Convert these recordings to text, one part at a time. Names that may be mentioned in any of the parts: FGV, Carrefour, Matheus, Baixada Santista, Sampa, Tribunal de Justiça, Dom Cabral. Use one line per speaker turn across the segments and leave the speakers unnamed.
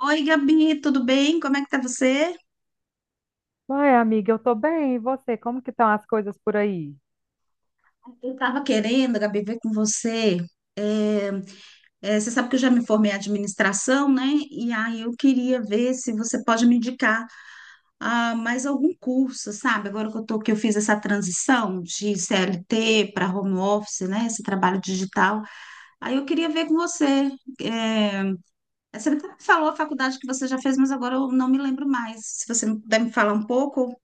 Oi, Gabi, tudo bem? Como é que tá você?
Uai, amiga, eu tô bem. E você? Como que estão as coisas por aí?
Eu estava querendo, Gabi, ver com você. É, você sabe que eu já me formei em administração, né? E aí eu queria ver se você pode me indicar mais algum curso, sabe? Agora que eu fiz essa transição de CLT para home office, né? Esse trabalho digital. Aí eu queria ver com você. É, você até falou a faculdade que você já fez, mas agora eu não me lembro mais. Se você puder me falar um pouco.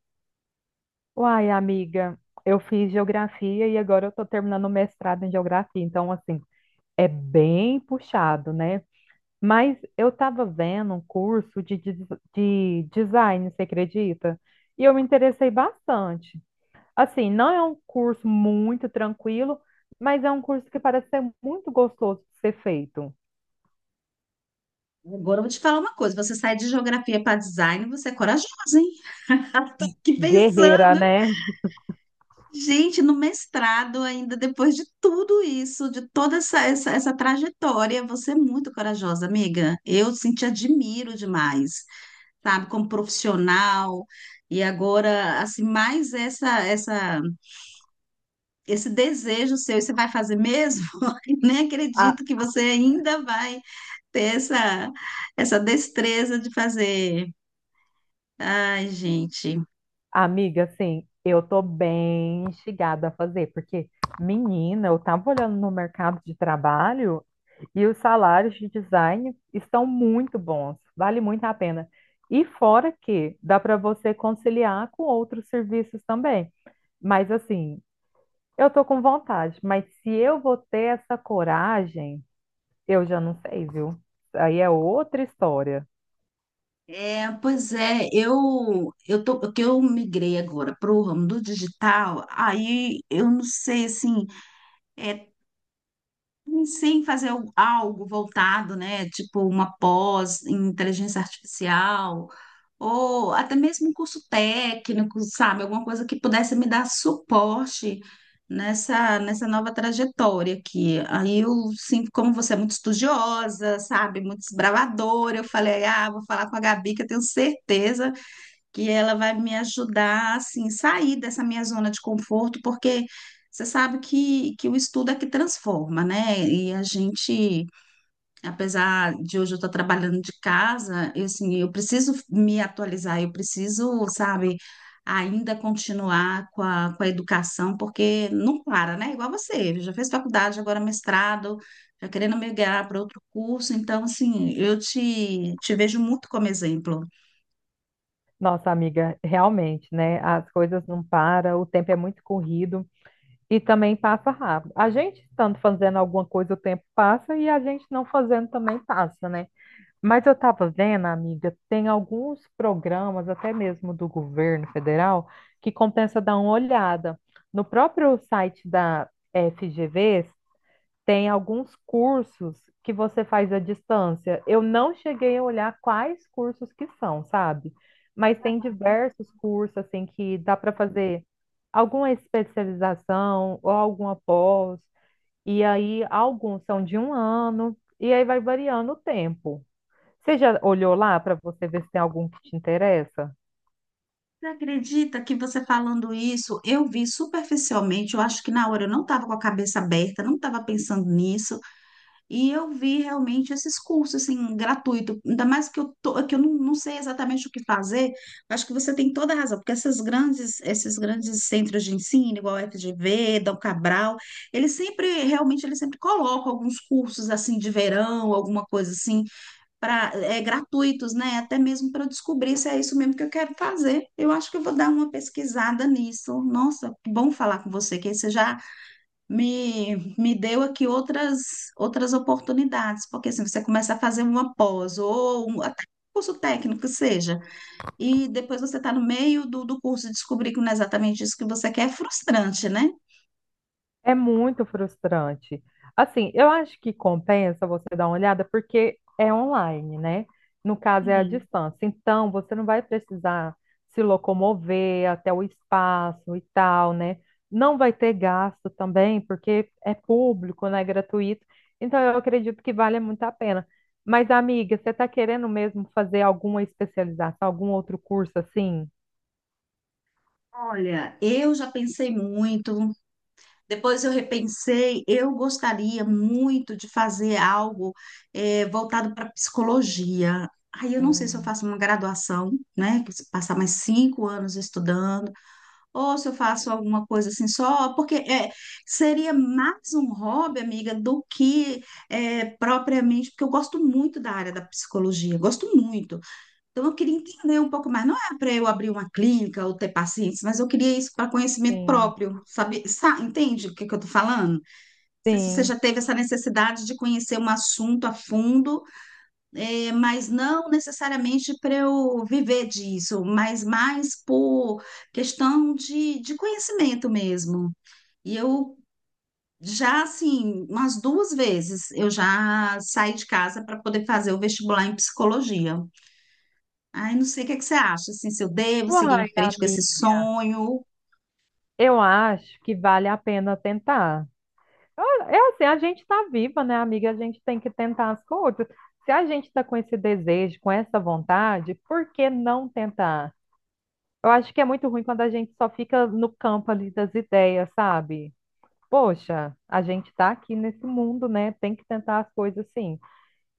Uai, amiga, eu fiz geografia e agora eu tô terminando o mestrado em geografia, então assim, é bem puxado, né? Mas eu tava vendo um curso de design, você acredita? E eu me interessei bastante. Assim, não é um curso muito tranquilo, mas é um curso que parece ser muito gostoso de ser feito.
Agora eu vou te falar uma coisa: você sai de geografia para design, você é corajosa, hein? Tô aqui
Guerreira,
pensando.
né?
Gente, no mestrado, ainda depois de tudo isso, de toda essa trajetória, você é muito corajosa, amiga. Eu sim, te admiro demais, sabe, como profissional. E agora, assim, mais esse desejo seu, e você vai fazer mesmo? Eu Nem
A-
acredito que você ainda vai ter essa destreza de fazer. Ai, gente.
Amiga, assim, eu tô bem instigada a fazer, porque, menina, eu tava olhando no mercado de trabalho e os salários de design estão muito bons, vale muito a pena. E fora que dá para você conciliar com outros serviços também. Mas, assim, eu tô com vontade, mas se eu vou ter essa coragem, eu já não sei, viu? Aí é outra história.
É, pois é, eu tô que eu migrei agora para o ramo do digital. Aí eu não sei assim, é, Sem fazer algo voltado, né? Tipo uma pós em inteligência artificial, ou até mesmo um curso técnico, sabe? Alguma coisa que pudesse me dar suporte nessa nova trajetória aqui. Aí eu, sim, como você é muito estudiosa, sabe? Muito desbravadora, eu falei, ah, vou falar com a Gabi, que eu tenho certeza que ela vai me ajudar assim sair dessa minha zona de conforto, porque você sabe que o estudo é que transforma, né? E a gente, apesar de hoje eu estar trabalhando de casa, eu, assim, eu preciso me atualizar, eu preciso, sabe, ainda continuar com a educação, porque não para, né? Igual você, já fez faculdade, agora mestrado, já querendo migrar para outro curso, então, assim, eu te vejo muito como exemplo.
Nossa, amiga, realmente, né? As coisas não param, o tempo é muito corrido. E também passa rápido. A gente estando fazendo alguma coisa, o tempo passa, e a gente não fazendo também passa, né? Mas eu estava vendo, amiga, tem alguns programas, até mesmo do governo federal, que compensa dar uma olhada. No próprio site da FGV, tem alguns cursos que você faz à distância. Eu não cheguei a olhar quais cursos que são, sabe? Mas tem diversos cursos assim que dá para fazer alguma especialização ou alguma pós, e aí alguns são de um ano, e aí vai variando o tempo. Você já olhou lá para você ver se tem algum que te interessa?
Você acredita que você falando isso, eu vi superficialmente, eu acho que na hora eu não estava com a cabeça aberta, não estava pensando nisso, e eu vi realmente esses cursos assim, gratuito, ainda mais que eu, tô, que eu não, não sei exatamente o que fazer, acho que você tem toda a razão, porque esses grandes centros de ensino, igual a FGV, Dom Cabral, eles sempre, realmente, eles sempre colocam alguns cursos assim de verão, alguma coisa assim, pra, gratuitos, né? Até mesmo para descobrir se é isso mesmo que eu quero fazer. Eu acho que eu vou dar uma pesquisada nisso. Nossa, que bom falar com você, que aí você já me deu aqui outras oportunidades, porque assim, você começa a fazer uma pós ou até um curso técnico que seja, e depois você está no meio do curso e descobrir que não é exatamente isso que você quer, é frustrante, né?
É muito frustrante. Assim, eu acho que compensa você dar uma olhada porque é online, né? No caso, é à
Sim.
distância. Então, você não vai precisar se locomover até o espaço e tal, né? Não vai ter gasto também, porque é público, né? Gratuito. Então, eu acredito que vale muito a pena. Mas, amiga, você está querendo mesmo fazer alguma especialização, algum outro curso assim?
Olha, eu já pensei muito. Depois eu repensei, eu gostaria muito de fazer algo voltado para psicologia. Aí eu não sei se eu
Hum,
faço uma graduação, né, que se passar mais cinco anos estudando, ou se eu faço alguma coisa assim só, porque seria mais um hobby, amiga, do que propriamente, porque eu gosto muito da área da psicologia, gosto muito. Então, eu queria entender um pouco mais. Não é para eu abrir uma clínica ou ter pacientes, mas eu queria isso para conhecimento
sim.
próprio. Sabe, entende o que que eu estou falando? Não sei se você
Sim.
já teve essa necessidade de conhecer um assunto a fundo, mas não necessariamente para eu viver disso, mas mais por questão de conhecimento mesmo. E eu já, assim, umas duas vezes eu já saí de casa para poder fazer o vestibular em psicologia. Ai, não sei o que é que você acha, assim, se eu devo seguir em
Uai,
frente com esse
amiga.
sonho.
Eu acho que vale a pena tentar. Ah, é assim, a gente está viva, né, amiga? A gente tem que tentar as coisas. Se a gente está com esse desejo, com essa vontade, por que não tentar? Eu acho que é muito ruim quando a gente só fica no campo ali das ideias, sabe? Poxa, a gente está aqui nesse mundo, né? Tem que tentar as coisas sim.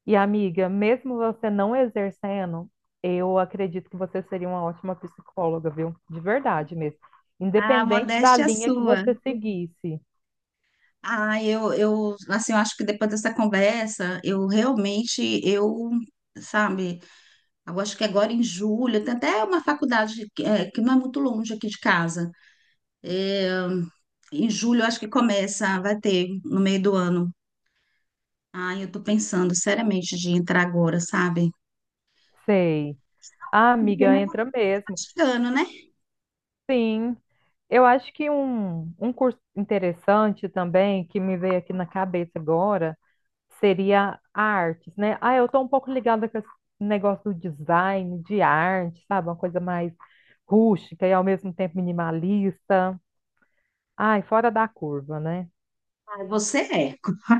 E amiga, mesmo você não exercendo, eu acredito que você seria uma ótima psicóloga, viu? De verdade mesmo.
A
Independente da
modéstia é
linha que
sua.
você seguisse.
Ah, assim, eu acho que depois dessa conversa, eu realmente, eu, sabe, eu acho que agora em julho, tem até uma faculdade que, que não é muito longe aqui de casa. Em julho, eu acho que começa, vai ter, no meio do ano. Ai, eu tô pensando seriamente de entrar agora, sabe?
Sei. Ah,
Porque,
amiga,
né,
entra
tá
mesmo.
chegando, né?
Sim. Eu acho que um curso interessante também, que me veio aqui na cabeça agora, seria artes, né? Ah, eu estou um pouco ligada com esse negócio do design, de arte, sabe? Uma coisa mais rústica e ao mesmo tempo minimalista. Ai, fora da curva, né?
Você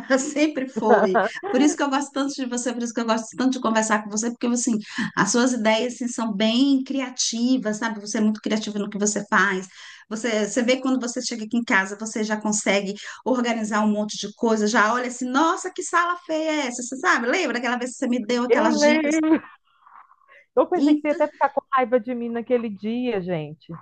é, sempre foi. Por isso que eu gosto tanto de você, por isso que eu gosto tanto de conversar com você, porque assim, as suas ideias assim, são bem criativas, sabe? Você é muito criativa no que você faz. Você, você vê quando você chega aqui em casa, você já consegue organizar um monte de coisa, já olha assim, nossa, que sala feia é essa? Você sabe? Lembra aquela vez que você me deu
Eu
aquelas dicas?
lembro. Eu
E
pensei que você ia até ficar com raiva de mim naquele dia, gente.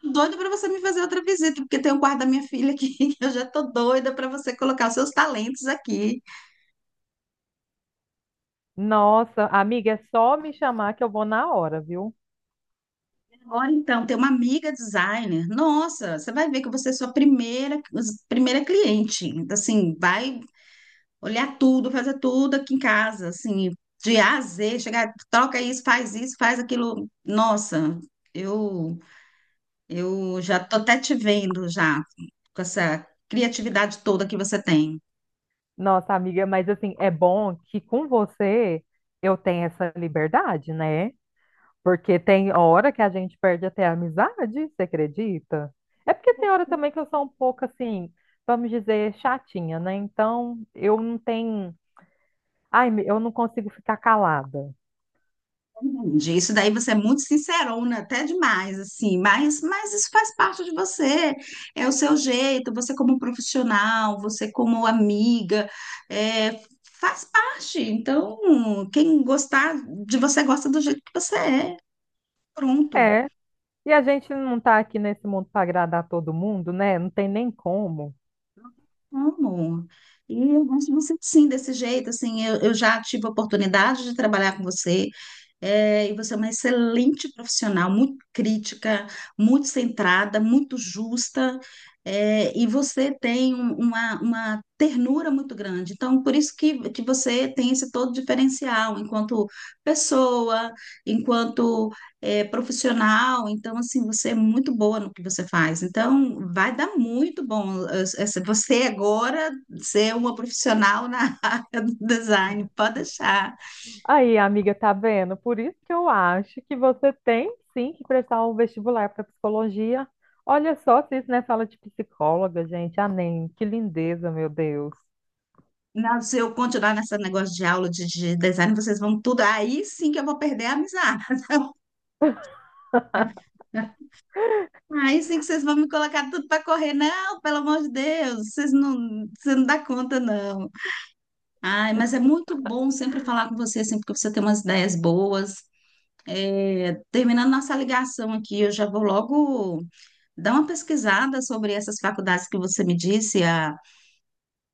tô doida para você me fazer outra visita, porque tem o quarto da minha filha aqui, que eu já tô doida para você colocar os seus talentos aqui.
Nossa, amiga, é só me chamar que eu vou na hora, viu?
Olha, então, tem uma amiga designer. Nossa, você vai ver que você é sua primeira cliente. Então, Assim, vai olhar tudo, fazer tudo aqui em casa, assim, de A a Z, chegar, troca isso, faz aquilo. Nossa, eu já tô até te vendo já com essa criatividade toda que você tem.
Nossa, amiga, mas assim, é bom que com você eu tenho essa liberdade, né? Porque tem hora que a gente perde até a amizade, você acredita? É porque tem hora também que eu sou um pouco assim, vamos dizer, chatinha, né? Então, eu não tenho. Ai, eu não consigo ficar calada.
Entendi. Isso daí você é muito sincerona, até demais, assim, mas isso faz parte de você, é o seu jeito, você como profissional, você como amiga, é, faz parte. Então, quem gostar de você gosta do jeito que você é, pronto.
É, e a gente não tá aqui nesse mundo para agradar todo mundo, né? Não tem nem como.
Amo. E eu acho você sim, desse jeito, assim, eu já tive a oportunidade de trabalhar com você, e você é uma excelente profissional, muito crítica, muito centrada, muito justa, e você tem uma ternura muito grande. Então, por isso que você tem esse todo diferencial enquanto pessoa, enquanto profissional, então assim, você é muito boa no que você faz. Então, vai dar muito bom. Você agora ser uma profissional na área do design, pode deixar.
Aí, amiga, tá vendo? Por isso que eu acho que você tem sim que prestar o vestibular para psicologia. Olha só se isso não é fala de psicóloga, gente. Ah, nem, que lindeza, meu Deus.
Não, se eu continuar nesse negócio de aula de design, vocês vão tudo. Aí sim que eu vou perder a amizade. Aí sim que vocês vão me colocar tudo para correr. Não, pelo amor de Deus, vocês não, você não dá conta, não. Ai, mas é muito bom sempre falar com você, sempre que você tem umas ideias boas. É, terminando nossa ligação aqui, eu já vou logo dar uma pesquisada sobre essas faculdades que você me disse,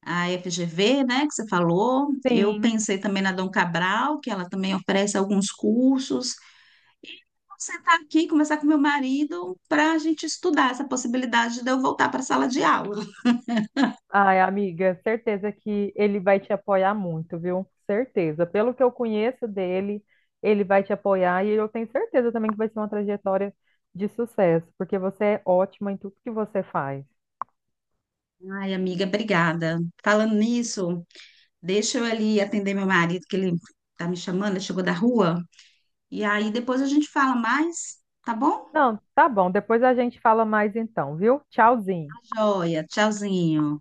a FGV, né, que você falou. Eu
Sim.
pensei também na Dom Cabral, que ela também oferece alguns cursos. Vou sentar aqui, conversar com meu marido para a gente estudar essa possibilidade de eu voltar para a sala de aula.
Ai, amiga, certeza que ele vai te apoiar muito, viu? Certeza. Pelo que eu conheço dele, ele vai te apoiar e eu tenho certeza também que vai ser uma trajetória de sucesso, porque você é ótima em tudo que você faz.
Ai, amiga, obrigada. Falando nisso, deixa eu ali atender meu marido, que ele tá me chamando, ele chegou da rua. E aí depois a gente fala mais, tá bom?
Não, tá bom. Depois a gente fala mais então, viu? Tchauzinho.
Joia, tchauzinho.